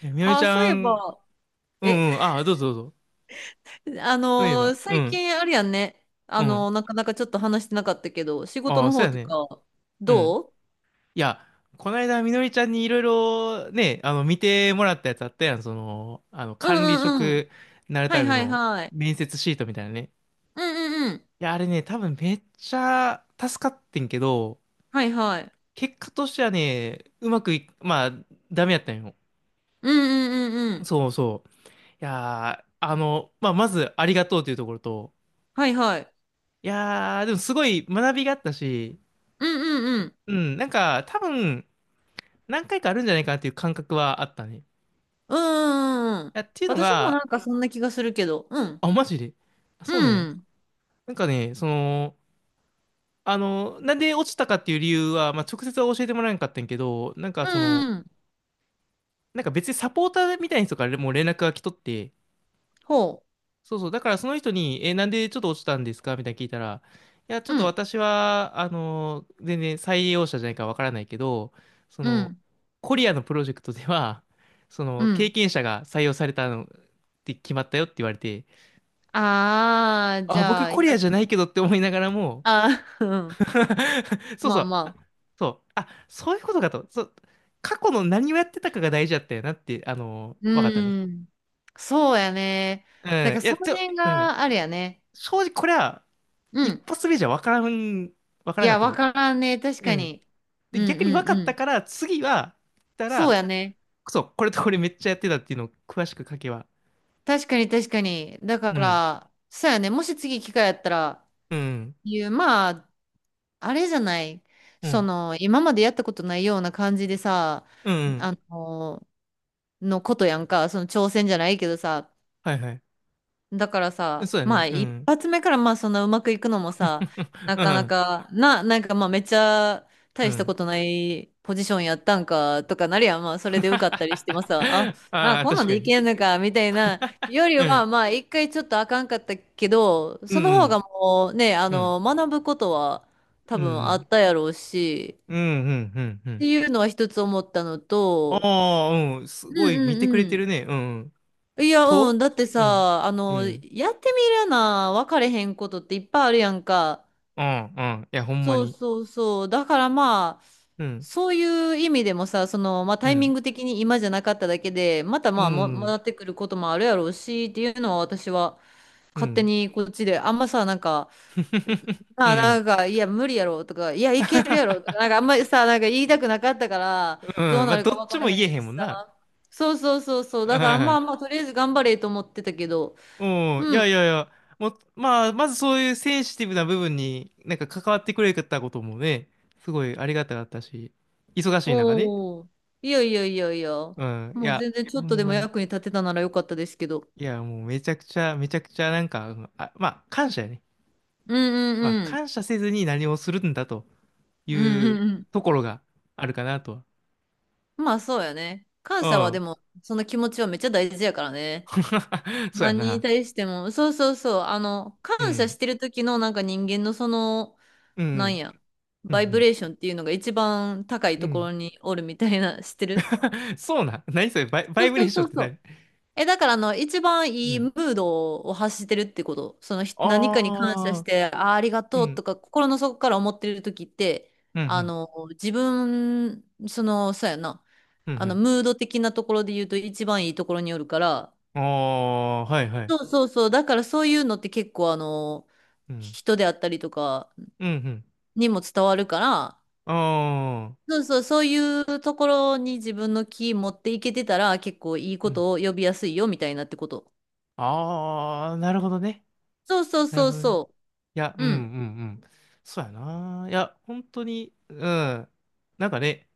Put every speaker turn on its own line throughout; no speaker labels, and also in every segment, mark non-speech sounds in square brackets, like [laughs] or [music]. え、みのり
あ
ち
あ、そうい
ゃ
え
ん、
ば、
う
え、
んうん、あ、どうぞどうぞ。
[laughs]
そういえば、う
最
ん、
近あれやんね。
うん。
なかなかちょっと話してなかったけど、仕事
ああ、
の
そう
方
や
と
ね。
か、
うん。
どう？
いや、この間、みのりちゃんにいろいろね、見てもらったやつあったやん。その、
うん
管理
うんうん。
職になる
は
た
い
め
はい
の
はい。
面接シートみたいなね。
うんうんうん。
いや、あれね、多分めっちゃ助かってんけど、
はいはい。
結果としてはね、うまくい、まあ、ダメやったんよ。
うんうんうんうん。
そうそう。いやー、まあ、まず、ありがとうというところと、
はいはい。
いやー、でもすごい学びがあったし、
うんうんうん。
うん、なんか、多分、何回かあるんじゃないかなっていう感覚はあったね。い
うんうんうん。
や、っていうの
私もなん
が、
かそんな気がするけど、うん。
あ、マジで。あ、
う
そうなんや。
ん。
なんかね、その、なんで落ちたかっていう理由は、まあ、直接は教えてもらえなかったんやけど、なん
う
かそ
ん
の、
うん。
なんか別にサポーターみたいな人からもう連絡が来とって、
ほ
そうそう。だからその人に、え、なんでちょっと落ちたんですかみたいな聞いたら、いや、ちょ
う。
っ
う
と
ん。
私は、全然採用者じゃないからわからないけど、そ
う
の、
ん。
コリアのプロジェクトでは、[laughs] そ
う
の、
ん。
経験者が採用されたのって決まったよって言われて、
ああ、じ
あ、
ゃ
僕
あ、や。
コリアじ
[laughs]
ゃないけどって思いながらも、
ああ、うん。
[laughs] そう
ま
そ
あ
う、あ
まあ。
そう、あ、そういうことかと、そう、過去の何をやってたかが大事だったよなって、わかったね。
うん。そうやね。
うん、
だから
いや、
その
ちょ、
辺
うん、
があるやね。
正直これは、
う
一
ん。
発目じゃ分か
い
らなか
や、
った
わ
ね。
からんね。確
う
か
ん。
に。うん
で、
う
逆に分
ん
か
う
った
ん。
から、次は、た
そう
ら、
やね。
そう、これとこれめっちゃやってたっていうのを詳しく書けば。
確かに確かに。だか
うん。
ら、そうやね。もし次機会やったら、
うん。
いう、まあ、あれじゃない。
う
そ
ん。
の、今までやったことないような感じでさ、
うん。うん
あの、のことやんか。その挑戦じゃないけどさ、
はいはい。
だからさ、
そうだ
ま
ね。
あ
う
一
ん。
発目からまあそんなうまくいくのもさ、
[laughs]
な
う
かな
ん。
か、なんかまあめっちゃ
う
大した
ん。
ことないポジションやったんかとかなるやん。まあそれで受かった
[laughs]
りしてもさ、あ、
ああ、
こんな
確
ん
か
で
に
い
ね。
けんのかみたいなより
う
は
ん。
まあ一回ちょっとあかんかったけど、
う
その方
ん。
がもうね、あ
うん。
の、学ぶことは多
う
分あっ
ん。
たやろうし、
うん。うん。うん。う
っ
ん。
ていうのは一つ思ったの
あ
と、
あー、うん。す
う
ごい
んう
見てくれ
ん
て
うん。
るね。うん。
いや、うん。
と
だって
うん。
さ、あ
う
の、
ん。
やってみるな、分かれへんことっていっぱいあるやんか。
うん。うん。いや、ほんま
そう
に。
そうそう。だからまあ、
うん。
そういう意味でもさ、その、まあ
う
タイミ
ん。
ング的に今じゃなかっただけで、また
う
まあ、戻
ん、
ってくることもあるやろうし、っていうのは私は
う
勝手
ん。
にこっちで、あんまさ、なんか、
[laughs] うん。
なんか、いや、無理やろとか、いや、いけるやろとか、なんかあん
[laughs]
まりさ、なんか言いたくなかったから、ど
う
う
ん。ま
な
あ、
る
ど
か
っ
分
ち
かれ
も言え
へん
へ
し
んもん
さ。
な。
そうそうそうそう。だからまあまあ、
[laughs]
とりあえず頑張れと思ってたけど、
うん。うん。い
うん。
やいやいや。もう、まあ、まずそういうセンシティブな部分になんか関わってくれたこともね、すごいありがたかったし、忙しい中ね。
おお、いやいやいやいや。
うん。い
もう
や、
全然ち
ほ
ょっと
ん
でも
まに。
役に立てたならよかったですけど。
いや、もうめちゃくちゃ、めちゃくちゃなんか、うんあ、まあ、感謝やね。
うんう
まあ、
んうん。
感謝せずに何をするんだとい
うんう
う
んうん。
ところがあるかなと
まあそうやね。感謝
は。
は
う
で
ん。
も、その気持ちはめっちゃ大事やからね。
[laughs] そうや
何に
な。
対しても。そうそうそう。あの、
う
感謝
ん。
してる時のなんか人間のその、
う
なん
ん。
や、
う
バイブ
ん
レーションっていうのが一番高い
う
と
ん。う
こ
ん。
ろにおるみたいな、知ってる？
[laughs] そうなん。何それバ
そう
イブ
そ
レー
う
ショ
そ
ンっ
う
て
そ
何
う。だからあの、一番
う
いい
ん。
ムードを発してるってこと。その何かに感謝し
ああ、
て、ありが
う
とう
ん。
とか、心の底から思ってる時って、
うんう
あ
ん。
の、自分、その、そうやな、
う
あの、
ん
ムード的なところで言うと一番いいところによるから、
うん。ああ、はいはい。
そうそうそう、だからそういうのって結構
うん。
人であったりとか
うんうん。
にも伝わるから、
ああ、
そうそう、そういうところに自分の気持っていけてたら、結構いい
う
こ
ん。
とを呼びやすいよ、みたいなってこと。
ああ、なるほどね。
そうそう
なる
そう
ほどね。
そ
いや、う
う。
んう
うん。
んうん。そうやな。いや、本当に、うん。なんかね、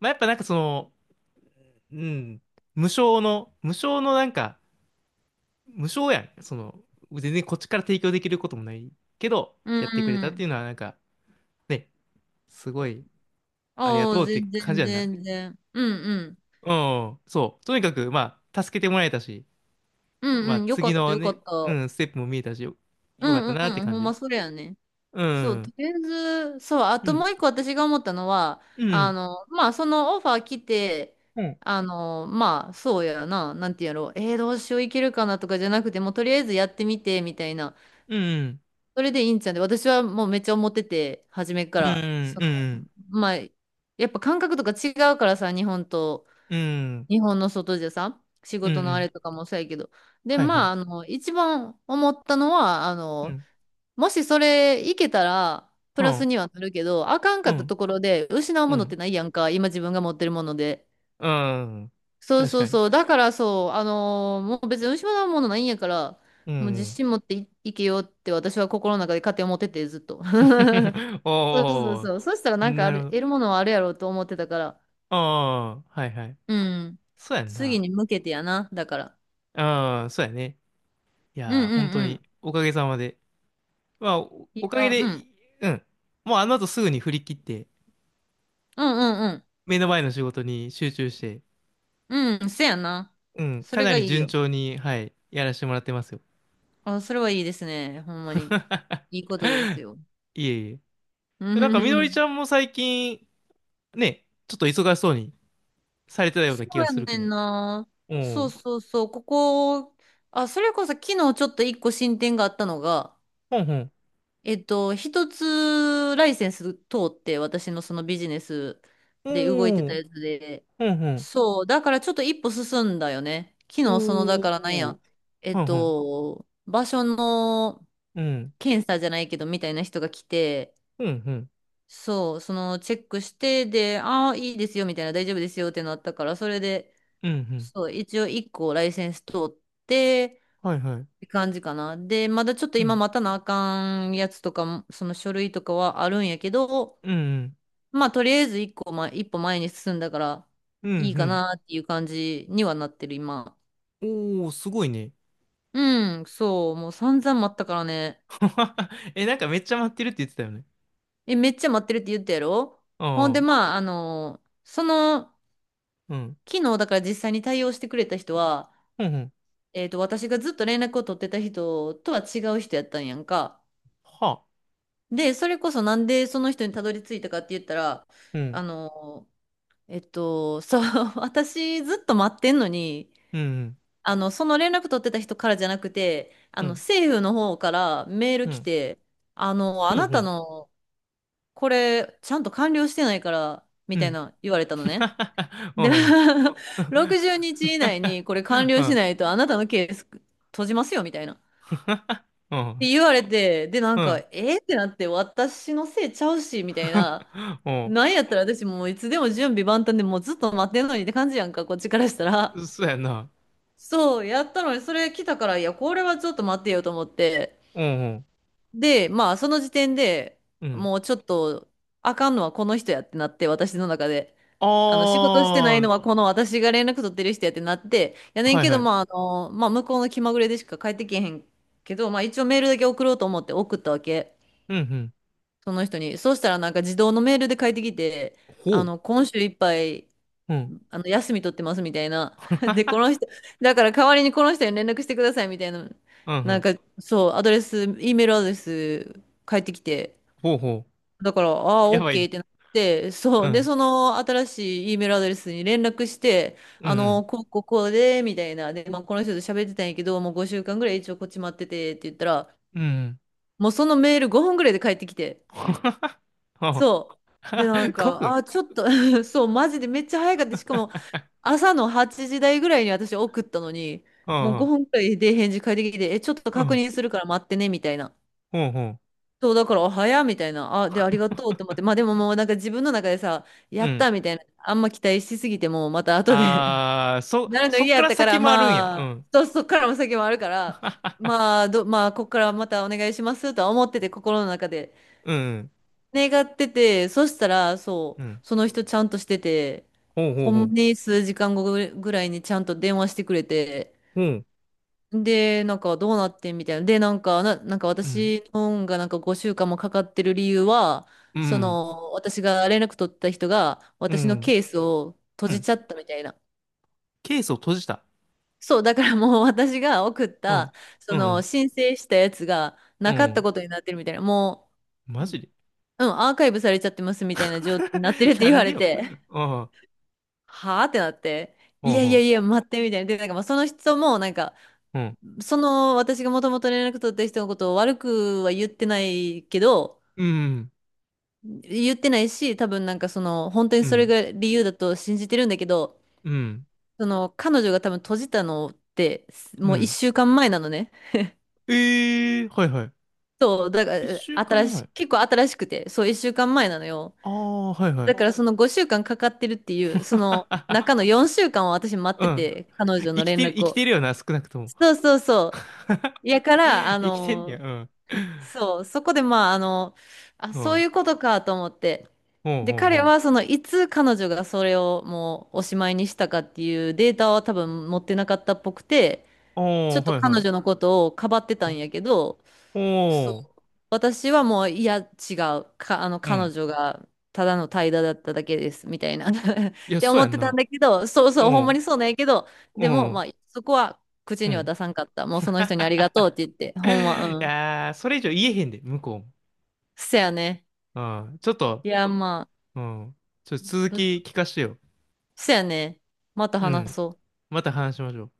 まあ、やっぱなんかその、うん、無償のなんか、無償やん。その、全然こっちから提供できることもないけど、
う
やってくれたって
ん。
いうのは、なんか、ね、すごい、ありが
あ
と
あ、
うって
全
感じ
然
やんな。
全然。うんうん。
うん、そう。とにかく、まあ、助けてもらえたし、
う
ま
ん
あ、
うん。よか
次
った
の
よか
ね、
っ
う
た。
ん、ステップも見えたし、よ、
う
よかった
んう
なっ
ん
て
うん。ほ
感
ん
じ。
まそれやね。
う
そう、と
ん、
りあえず、そう、あ
う
と
ん、
もう一個私が思ったのは、
う
あ
ん、
の、まあ、そのオファー来て、
うん、
あの、まあ、そうやな、なんていうんやろう、どうしよういけるかなとかじゃなくて、もうとりあえずやってみて、みたいな。
うん、うん、
それでいいんちゃうんで、私はもうめっちゃ思ってて、初めか
う
ら。
ん、
そ
う
の、
ん、
まあ、やっぱ感覚とか違うからさ、日本と。日本の外じゃさ、仕
うん、う
事のあれ
ん、
とかもそうやけど。で、
はいは
ま
い。
あ、あの、一番思ったのは、あ
う
の、
ん、
もしそれいけたら、プ
う
ラス
ん、
にはなるけど、あかんか
う
ったと
ん、
ころで失う
う
ものって
ん、
ないやんか、今自分が持ってるもので。
うん、
そう
確
そう
かに。
そう。だからそう、もう別に失うものないんやから、
う
もう自
ん。
信持っていけよって私は心の中で勝手に思ってて、ずっと。[laughs]
[laughs]
そうそう
おー、
そう。そしたらなんか
なるほど。
得るものはあるやろうと思ってたから。
ああ、はいはい。
うん。
そうやん
次
な。
に向けてやな、だから。
ああ、そうやね。い
うん
やー、
う
本
ん
当
うん。
に、おかげさまで。まあ、お、
い
お
い
かげ
が、う
で、
ん。
うん。もうあの後すぐに振り切って、
うんうん
目の前の仕事に集中して、
うん。うん、せやな。
うん、
そ
か
れ
な
が
り
いい
順
よ。
調に、はい、やらせてもらってますよ。
あ、それはいいですね。ほんまに。
[laughs]
いいことですよ。
いえい
う
え。
ん
なん
う
か、み
ん
の
う
りちゃ
ん。
んも最近、ね、ちょっと忙しそうにされ
[laughs]
てたよう
そ
な気
う
がす
や
るけ
ねん
ど。
な。
お
そう
ー、
そうそう。あ、それこそ昨日ちょっと一個進展があったのが、
ほんほん。
一つライセンス通って私のそのビジネス
お
で動いてた
ー、
やつで、
ほんほん。
そう、だからちょっと一歩進んだよね。昨日その、だからなん
お
や、
ー。はんはん。
場所の
うん。
検査じゃないけどみたいな人が来て、
うん、うん。
そう、そのチェックして、で、ああ、いいですよみたいな、大丈夫ですよってなったから、それで、
うん、うん。
そう、一応一個ライセンス通って、
はい、は
っ
い。
て感じかな。で、まだちょっと
う
今
ん。
待たなあかんやつとかも、その書類とかはあるんやけど、
うん、うん。
まあとりあえず一歩前に進んだから
う
いいか
ん、
なっていう感じにはなってる今。
うん。おー、すごいね。
うん、そう、もう散々待ったからね。
[laughs] え、なんかめっちゃ待ってるって言ってたよね。
え、めっちゃ待ってるって言ったやろ。
あ
ほんで、
あ。
まあ、あの、その、
うん。
昨日だから実際に対応してくれた人は、
うん、うん。
私がずっと連絡を取ってた人とは違う人やったんやんか。
は。
で、それこそなんでその人にたどり着いたかって言ったら、
うん。
あの、そう、[laughs] 私ずっと待ってんのに、
うん、うん。
あの、その連絡取ってた人からじゃなくて、あ
う
の、
ん。
政府の方からメール
う
来
ん、
て、あの、あ
う
なた
ん。
の、これ、ちゃんと完了してないから、
う
み
ん。[laughs] う
たい
ん。
な言われたのね。
う
で、
ん。
[laughs] 60日以内にこれ完
う
了し
ん。
ないと、あなたのケース閉じますよ、みたいな。って言われて、で、な
う
んか、
ん。
えー、ってなって、私のせいちゃうし、みたいな。なんやったら私もういつでも準備万端でもうずっと待ってんのにって感じやんか、こっちからした
う
ら。
ん。そうやな。
そう、やったのに、それ来たから、いや、これはちょっと待ってよと思って。
うん。
で、まあ、その時点で
うん。
もうちょっと、あかんのはこの人やってなって、私の中で。あの、仕
あ
事してないのはこの私が連絡取ってる人やってなって、や
あ。
ねん
はい、
け
は
ど、まあ、あ
い。
の、まあ、向こうの気まぐれでしか帰ってけへんけど、まあ、一応メールだけ送ろうと思って送ったわけ。
うん、うん。
その人に。そうしたらなんか自動のメールで帰ってきて、あ
ほ
の、
う。
今週いっぱい
うん。
あの、休み取ってますみたいな。[laughs] で、この
[laughs]
人、だから代わりにこの人に連絡してくださいみたいな。
うんう
なん
ん。
か、そう、アドレス、E メールアドレス返ってきて、
ほうほ
だから、ああ、
う。やば
OK っ
い。
てなって、そ
う
う、で、
ん。
その新しい E メールアドレスに連絡して、
う
あ
ん。
の、こう、こう、こうで、みたいな。で、まあ、この人と喋ってたんやけど、もう5週間ぐらい一応こっち待っててって言ったら、
うん。うん。
もうそのメール5分ぐらいで返ってきて、
[laughs] ほうは。
そう。で、なん
[laughs] 5
か、
分。
ちょっと [laughs] そう、マジでめっちゃ早かった。しかも、朝の8時台ぐらいに私送ったのに、
う
もう
ん。
5分くらいで返事返ってきて、え、ちょっと
う
確
ん。
認するから待ってね、みたいな。
ほうほう。
そう、だから、あ早っみたいな。あ、で、ありがとうって思って。まあでももうなんか自分の中でさ、や
う
っ
ん。
たみたいな。あんま期待しすぎても、また後で
あー、
[laughs]
そ、
なるの
そっ
嫌
か
やっ
ら
たか
先
ら、
もあるんや。う
まあ、
ん。
そう、そっからも先もあるから、
[laughs] あ、
まあ、まあ、こっからまたお願いしますとは思ってて、心の中で。
うん。
願ってて、そしたら、
う
そう、
ん。
その人ちゃんとしてて、
ほうほ
ほ
うほ
んま
う。
に数時間後ぐらいにちゃんと電話してくれて、
ほう。
で、なんかどうなってんみたいな。で、なんか、なんか
うん。
私の本がなんか5週間もかかってる理由は、
う
そ
ん。
の、私が連絡取った人が、
う
私の
ん。
ケースを閉
う
じ
ん。
ちゃったみたいな。
ケースを閉じた。
そう、だからもう [laughs] 私が送っ
うん。
た、そ
う
の、
ん。
申請したやつが
う
なかった
ん。
ことになってるみたいな。も
マジで
う、うん、アーカイブされちゃってますみたいな状態になってるっ
[laughs]
て
な
言
ん
わ
で
れ
よ。
て。
うん。
はあってなって、い
ほう
やいや
ほ
いや、待って、みたいな。で、なんかまあその人も、なんか、
う。うん。
その私がもともと連絡取った人のことを悪くは言ってないけど、
うん。
言ってないし、多分なんかその、本当に
う
それ
ん。
が理由だと信じてるんだけど、
うん。
その、彼女が多分閉じたのって、
う
もう一
ん。
週間前なのね。
ええーはいはい。
そう、だから、
一週間前。
結構新しくて、そう、一週間前なのよ。
ああ、はいは
だ
い。
からその5週間かんかかってるっていう、その、
[laughs]
中の4週間を私待っ
う
て
ん。
て、彼女の連
生
絡
きてる
を。
よな、少なくとも。
そうそうそう。いやか
[laughs]
ら、あ
生きてんねや、
の、
うん。
そう、そこでまあ、あの、あ、
う
そうい
ん。
うことかと思って。
ほう
で、
ほう
彼
ほ
は
う。
その、いつ彼女がそれをもうおしまいにしたかっていうデータは多分持ってなかったっぽくて、ち
お
ょっ
ー、
と
はいは
彼女の
い。
ことをかばってたんやけど、
う
そう。
んおー、
私はもう、いや、違う。あの、
う
彼
ん。
女が、ただの怠惰だっただけです、みたいな。[laughs] っ
いや、
て
そう
思
や
っ
ん
てたん
な。
だけど、そう
う
そう、ほんまに
ん、
そうなんやけど、
う
でも、ま
ん、
あ、そこは口
う
には
ん。
出さんかった。もうその人にありがとうっ
[laughs]
て言って、ほんま、
い
うん。
やー、それ以上言えへんで、向こう
せやね。
も。うん。ちょっと、
いや、まあ、
うん。ちょっと続き
ど
聞かしてよ。
せやね。また
う
話
ん。
そう。
また話しましょう。